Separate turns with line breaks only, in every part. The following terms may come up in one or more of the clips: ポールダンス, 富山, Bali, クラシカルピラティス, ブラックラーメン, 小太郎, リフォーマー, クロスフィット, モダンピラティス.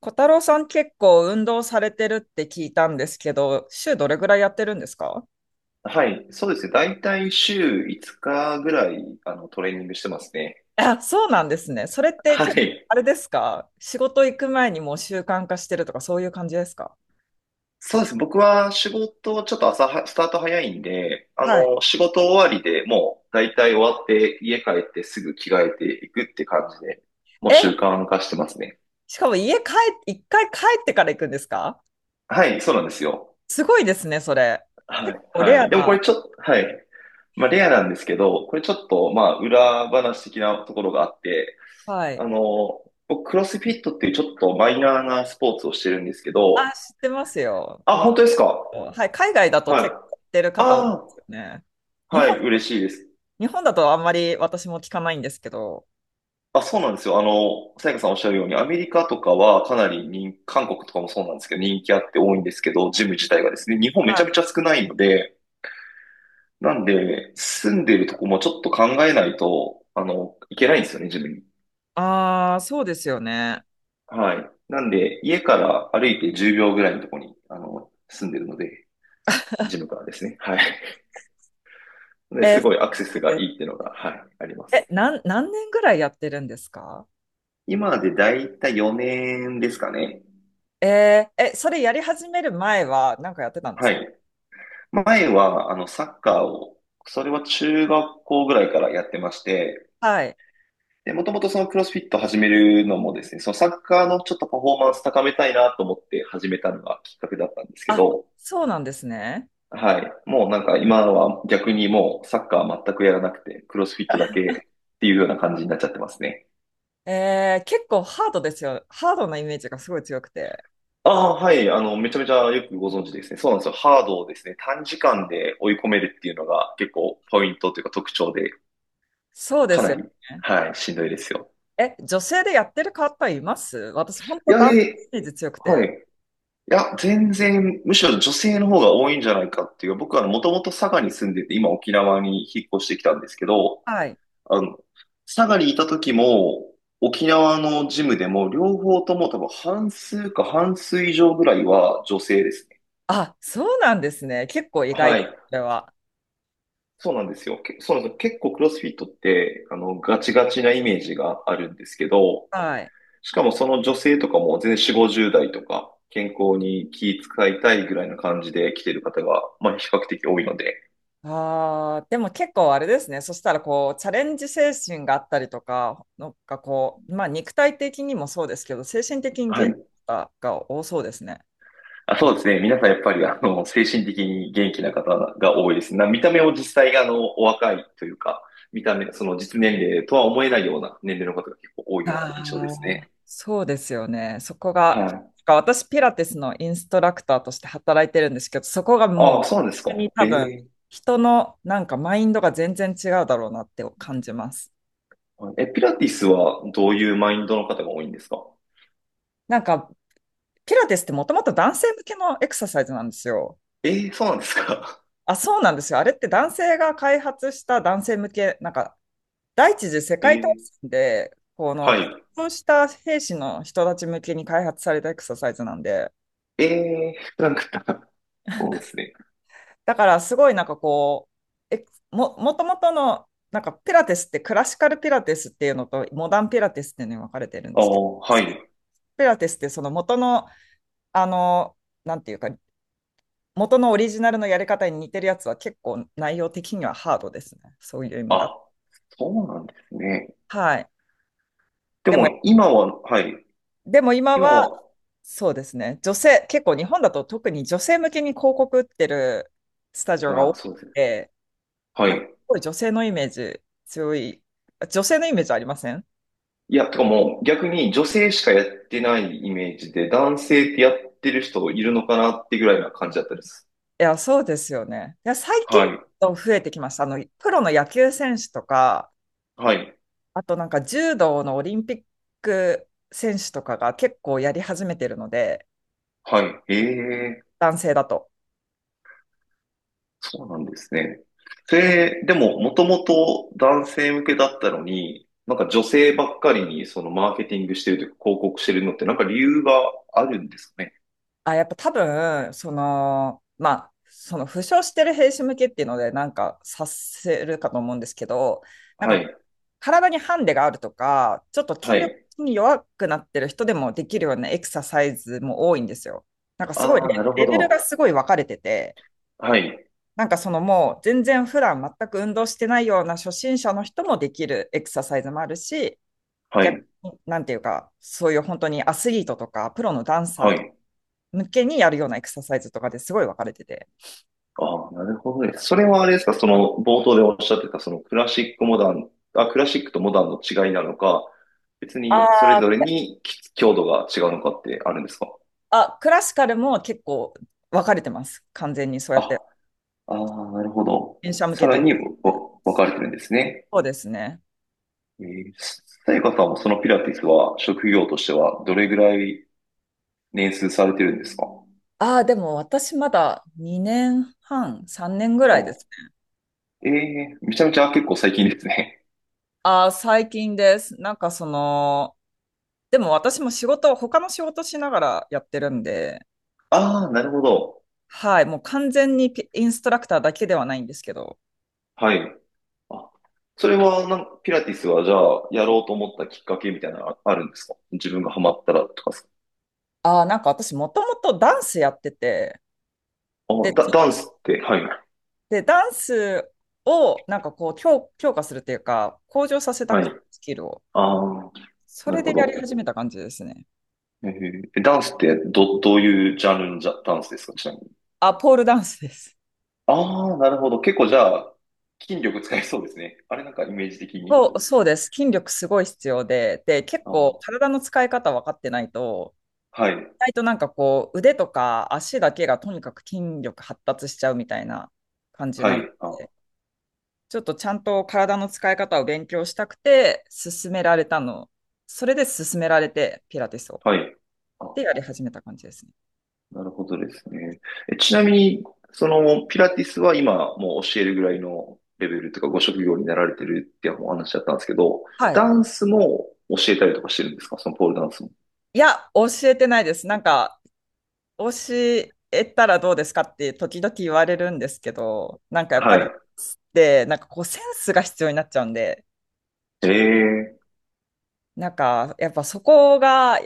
小太郎さん結構運動されてるって聞いたんですけど、週どれぐらいやってるんですか？
はい、そうですね。だいたい週5日ぐらい、トレーニングしてますね。
あ、そうなんですね。それって
は
結構
い。
あれですか？仕事行く前にもう習慣化してるとかそういう感じですか？
そうです。僕は仕事、ちょっと朝は、スタート早いんで、
はい。
仕事終わりでもう、だいたい終わって、家帰ってすぐ着替えていくって感じで、もう
え、
習慣化してますね。
しかも家帰、一回帰ってから行くんですか？
はい、そうなんですよ。
すごいですね、それ。
は
結
い、
構レ
は
ア
い。でもこ
な。
れちょっと、はい。まあ、レアなんですけど、これちょっと、まあ、裏話的なところがあって、
はい。
僕、クロスフィットっていうちょっとマイナーなスポーツをしてるんですけ
あ、
ど、
知ってますよ。ク
あ、
ロス
本
フ
当です
ィ
か？
ット。はい。海外だと
は
結
い。
構やってる方多いで
あ
すよね。
あ、
日
は
本、
い、嬉しいです。
日本だとあんまり私も聞かないんですけど。
あ、そうなんですよ。さやかさんおっしゃるように、アメリカとかはかなり人、韓国とかもそうなんですけど、人気あって多いんですけど、ジム自体がですね、日本め
は
ちゃめち
い。
ゃ少ないので、なんで、住んでるとこもちょっと考えないと、いけないんですよね、ジムに。
ああ、そうですよね。
はい。なんで、家から歩いて10秒ぐらいのとこに、住んでるので、ジムからですね。はい。で、す
好
ごいアクセス
きで
がいいっ
す。
ていうのが、はい、ありま
え、
す。
何年ぐらいやってるんですか？
今でだいたい4年ですかね。
それやり始める前は何かやってたんです
は
か？
い。前は、サッカーを、それは中学校ぐらいからやってまして、
はい。
で、もともとそのクロスフィット始めるのもですね、そのサッカーのちょっとパフォーマンス高めたいなと思って始めたのがきっかけだったんですけ
あ、
ど、
そうなんですね。
はい。もうなんか今は逆にもうサッカー全くやらなくて、クロスフィットだけっていうような感じになっちゃってますね。
結構ハードですよ。ハードなイメージがすごい強くて。
ああ、はい。めちゃめちゃよくご存知ですね。そうなんですよ。ハードをですね、短時間で追い込めるっていうのが結構ポイントというか特徴で、
そうで
か
す
な
よ
り、
ね。
はい、しんどいですよ。
え、女性でやってる方います？私、本
い
当
や、
ダンスイメージ強く
はい。
て。
いや、全然、むしろ女性の方が多いんじゃないかっていう。僕はもともと佐賀に住んでて、今沖縄に引っ越してきたんですけど、
はい。
あの、佐賀にいた時も、沖縄のジムでも、両方とも多分半数か半数以上ぐらいは女性ですね。
あ、そうなんですね。結構意外
は
です、
い。
それは。
そうなんですよ。そうなんですよ。結構クロスフィットって、ガチガチなイメージがあるんですけど、
はい。
しかもその女性とかも全然4、50代とか、健康に気使いたいぐらいな感じで来てる方が、まあ比較的多いので、
ああ、でも結構あれですね。そしたらこう、チャレンジ精神があったりとか、なんかこう、まあ肉体的にもそうですけど、精神的に
は
元気
い。
が多そうですね。
あ、そうですね。皆さんやっぱり、精神的に元気な方が多いですね。見た目を実際、お若いというか、見た目、その実年齢とは思えないような年齢の方が結構多いような印象で
あ
す
あ、
ね。
そうですよね。そこ
は
が、
い。
なんか私ピラティスのインストラクターとして働いてるんですけど、そこがもう、
あ
本
あ、そうなんですか。
当に多
え
分、
え。
人のなんかマインドが全然違うだろうなって感じます。
え、ピラティスはどういうマインドの方が多いんですか？
なんか、ピラティスってもともと男性向けのエクササイズなんですよ。
ええ、そうなんですか。
あ、そうなんですよ。あれって男性が開発した男性向け、なんか、第一次世
え
界大
え、
戦で、この、
は
結
い。
婚した兵士の人たち向けに開発されたエクササイズなんで、
ええ、なんか、そうですね。
だからすごいなんかこう、もともとの、なんかピラティスってクラシカルピラティスっていうのとモダンピラティスっていうのに分かれてるん
あ
ですけど、
あ、はい。
ピラティスってその元の、あの、なんていうか、元のオリジナルのやり方に似てるやつは結構内容的にはハードですね。そういう意味だ。
あ、そうなんですね。
はい。
で
でも、
も今は、はい。
でも今
今
は
は、
そうですね。女性、結構日本だと特に女性向けに広告売ってるスタジオが
あ
多
あ、
いの
そうですね。
で、
は
なんか
い。
すごい女性のイメージ強い。女性のイメージありません？
いや、とかもう逆に女性しかやってないイメージで、男性ってやってる人いるのかなってぐらいな感じだったです。
いや、そうですよね。いや、最
は
近
い。
増えてきました。プロの野球選手とか、
はい。
あとなんか柔道のオリンピック選手とかが結構やり始めてるので、
はい。ええ、
男性だと。
そうなんですね。それ、でも、もともと男性向けだったのに、なんか女性ばっかりにそのマーケティングしてるというか広告してるのってなんか理由があるんですかね。
あ、やっぱ多分、その負傷してる兵士向けっていうので、なんかさせるかと思うんですけど、なん
は
か
い。
体にハンデがあるとか、ちょっと
は
筋力
い。
に弱くなってる人でもできるようなエクササイズも多いんですよ。なんかすごい、
ああ、な
レ
るほ
レベルが
ど。
すごい分かれてて、
はい、
なんかそのもう全然普段全く運動してないような初心者の人もできるエクササイズもあるし、
は
逆
い、
に、なんていうか、そういう本当にアスリートとか、プロのダンサ
は
ーとか
い。
向けにやるようなエクササイズとかですごい分かれてて。
ああ、なるほどです。それはあれですか、その冒頭でおっしゃってた、そのクラシックモダン、あ、クラシックとモダンの違いなのか、別
あ
にそれ
あ、
ぞれに強度が違うのかってあるんですか？
あ、クラシカルも結構分かれてます。完全にそうや
あ、
って。
ああ、なるほど。
電車向
さ
けと
ら
いう
に
か。
分かれてるんですね。
そうですね。
えー、さやかさんもそのピラティスは職業としてはどれぐらい年数されてるんですか？
ああ、でも私まだ2年半、3年ぐら
あ、
いですね。
ええーめちゃめちゃ結構最近ですね。
ああ、最近です。なんかでも私も仕事、他の仕事しながらやってるんで、
ああ、なるほど。
はい、もう完全にピインストラクターだけではないんですけど、
はい。あ、それはなんか、ピラティスはじゃあ、やろうと思ったきっかけみたいなのあるんですか？自分がハマったらとかさ。
ああ、なんか私もともとダンスやってて、
あ、
で、
ダンスって、はい、
で、ダンスをなんかこう強化するっていうか、向上させた
は
くて、
い。
スキルを。
ああ、
そ
なる
れ
ほ
でやり
ど。
始めた感じですね。
えーえダンスってどういうジャンルのダンスですか？ちなみに。
あ、ポールダンスです。
ああ、なるほど。結構じゃあ、筋力使いそうですね。あれなんかイメージ的
そ
に。
う、そうです。筋力すごい必要で、結
あ
構
あ、
体の使い方分かってないと、
はい、
意外となんかこう、腕とか足だけがとにかく筋力発達しちゃうみたいな感じ
は
なの。
い、あ、
ちょっとちゃんと体の使い方を勉強したくて、勧められたの。それで勧められて、ピラティスを。
はい。あ、
で、やり始めた感じですね。
なるほどですね。え、ちなみに、その、ピラティスは今、もう教えるぐらいのレベルというか、ご職業になられてるってお話だったんですけど、
はい。
ダンスも教えたりとかしてるんですか？そのポールダンスも。
いや、教えてないです。なんか、教えたらどうですかって時々言われるんですけど、なんかやっぱり、
は
で、なんかこうセンスが必要になっちゃうんで、
い。ええ、
なんかやっぱそこが、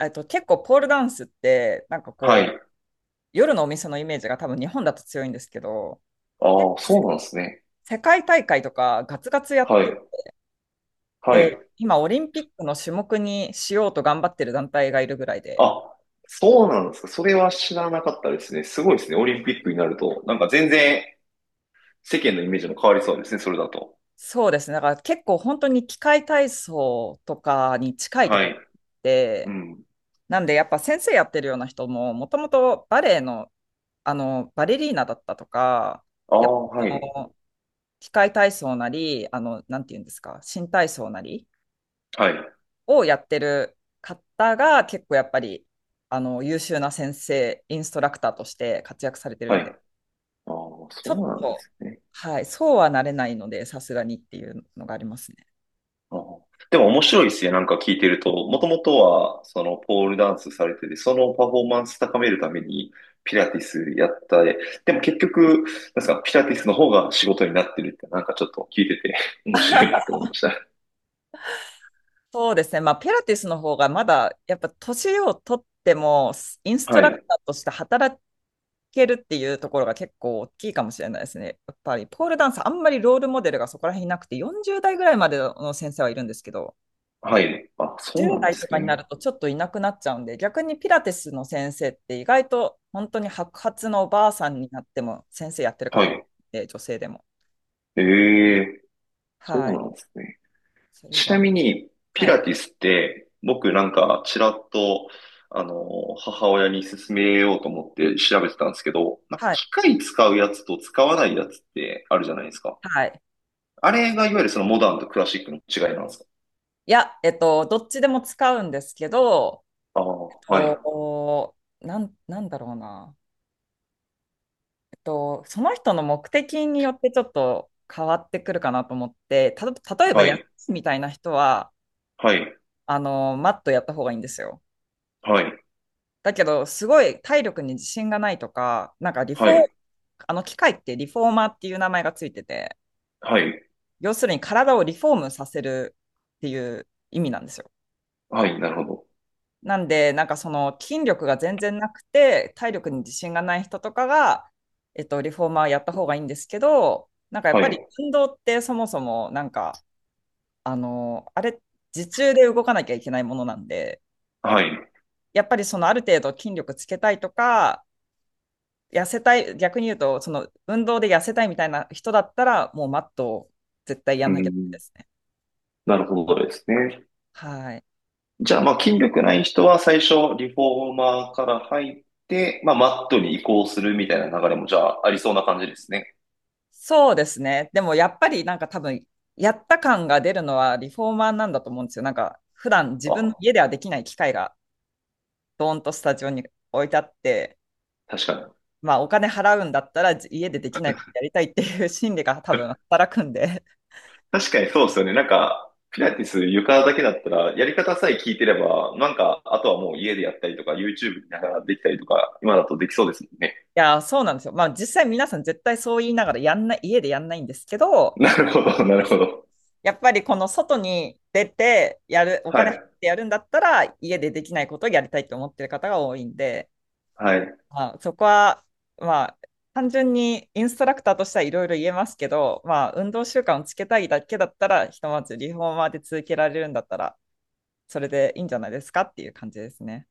結構ポールダンスって、なんか
は
こう、
い。
夜のお店のイメージが多分日本だと強いんですけど、結
あ
構
あ、そうなんですね。
世界大会とかガツガツやっ
は
て
い。は
て、
い。
今オリンピックの種目にしようと頑張ってる団体がいるぐらいで、
あ、そうなんですか。それは知らなかったですね。すごいですね。オリンピックになると。なんか全然世間のイメージも変わりそうですね。それだと。
そうですね。だから結構本当に器械体操とかに近いと
は
ころ
い。うん。
なんでやっぱ先生やってるような人も、もともとバレエの、バレリーナだったとか、
あ
やっ
あ、は
ぱ
い。
器械体操なり、なんていうんですか、新体操なり
はい。
をやってる方が結構やっぱり、優秀な先生、インストラクターとして活躍されてる
は
ん
い。
で、
ああ、
ちょ
そ
っ
うなんで
と、
すね。
はい、そうはなれないので、さすがにっていうのがありますね。
あ、でも面白いですね。なんか聞いてると、もともとは、その、ポールダンスされてて、そのパフォーマンス高めるために、ピラティスやったで、でも結局、なんですか、ピラティスの方が仕事になってるって、なんかちょっと聞いてて 面白いなと思いました。
そうですね。まあ、ピラティスの方がまだ、やっぱ年を取っても、インスト
は
ラク
い。
ターとして働けるっていうところが結構大きいかもしれないですね。やっぱりポールダンス、あんまりロールモデルがそこら辺いなくて、40代ぐらいまでの先生はいるんですけど、
はい。あ、そうな
10
んで
代と
す
かにな
ね。
るとちょっといなくなっちゃうんで、逆にピラティスの先生って意外と本当に白髪のおばあさんになっても先生やってる
は
方多く
い。
て、女性でも。
ええ、そ
は
う
い。
なんですね。
それ
ちな
が、
みに、ピ
は
ラ
い。
ティスって、僕なんか、ちらっと、母親に勧めようと思って調べてたんですけど、まあ、
はい。
機械使うやつと使わないやつってあるじゃないですか。
はい。
あれがいわゆるそのモダンとクラシックの違いなんですか？
いや、どっちでも使うんですけど、
ああ、はい、
なんだろうな。その人の目的によってちょっと変わってくるかなと思って、例えば
は
安
い、
いみたいな人は、
はい、
マットやった方がいいんですよ。
はい、
だけど、すごい体力に自信がないとか、なんかリフ
は
ォー、
い、
あの機械ってリフォーマーっていう名前がついてて、
はい、
要するに体をリフォームさせるっていう意味なんですよ。
はい、なるほど。
なんで、なんかその筋力が全然なくて、体力に自信がない人とかが、リフォーマーやった方がいいんですけど、なんかやっ
は
ぱり
い、
運動ってそもそもなんかあの、あれ、自重で動かなきゃいけないものなんで、
はい。
やっぱりそのある程度筋力つけたいとか、痩せたい、逆に言うと、その運動で痩せたいみたいな人だったら、もうマットを絶対や
う
んなきゃダメ
ん、
ですね。
なるほどですね。
はい。
じゃあ、まあ、筋力ない人は最初、リフォーマーから入って、まあ、マットに移行するみたいな流れも、じゃあ、ありそうな感じですね。
そうですね。でもやっぱりなんか多分、やった感が出るのはリフォーマーなんだと思うんですよ。なんか、普段自分の
あ、
家ではできない機械が、ドーンとスタジオに置いてあって、
確かに。
まあお金払うんだったら家でできないことやりたいっていう心理が多分 働くんで、
確かにそうですよね。なんか、ピラティス床だけだったら、やり方さえ聞いてれば、なんか、あとはもう家でやったりとか、YouTube 見ながらできたりとか、今だとできそうですもんね。
そうなんですよ。まあ実際皆さん絶対そう言いながらやんない、家でやんないんですけ ど、
なるほど、なるほど。
やっぱりこの外に出てやる、お
は
金入っ
い、
てやるんだったら、家でできないことをやりたいと思ってる方が多いんで、
はい。
まあそこは、まあ単純にインストラクターとしてはいろいろ言えますけど、まあ運動習慣をつけたいだけだったら、ひとまずリフォーマーで続けられるんだったら、それでいいんじゃないですかっていう感じですね。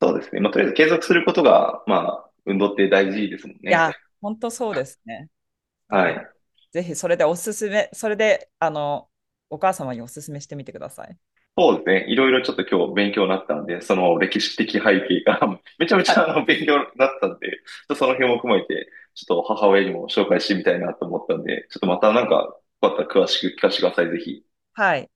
そうですね。まあ、とりあえず継続することが、まあ、運動って大事ですもん
い
ね。
や、本当そうですね。だ
は
から
い。
ぜひそれで、お母様におすすめしてみてください。
そうですね。いろいろちょっと今日勉強になったんで、その歴史的背景が めちゃめ
は
ち
い。
ゃ勉強になったんで、ちょっとその辺も踏まえて、ちょっと母親にも紹介してみたいなと思ったんで、ちょっとまたなんか、よかったら詳しく聞かせてください、ぜひ。
はい。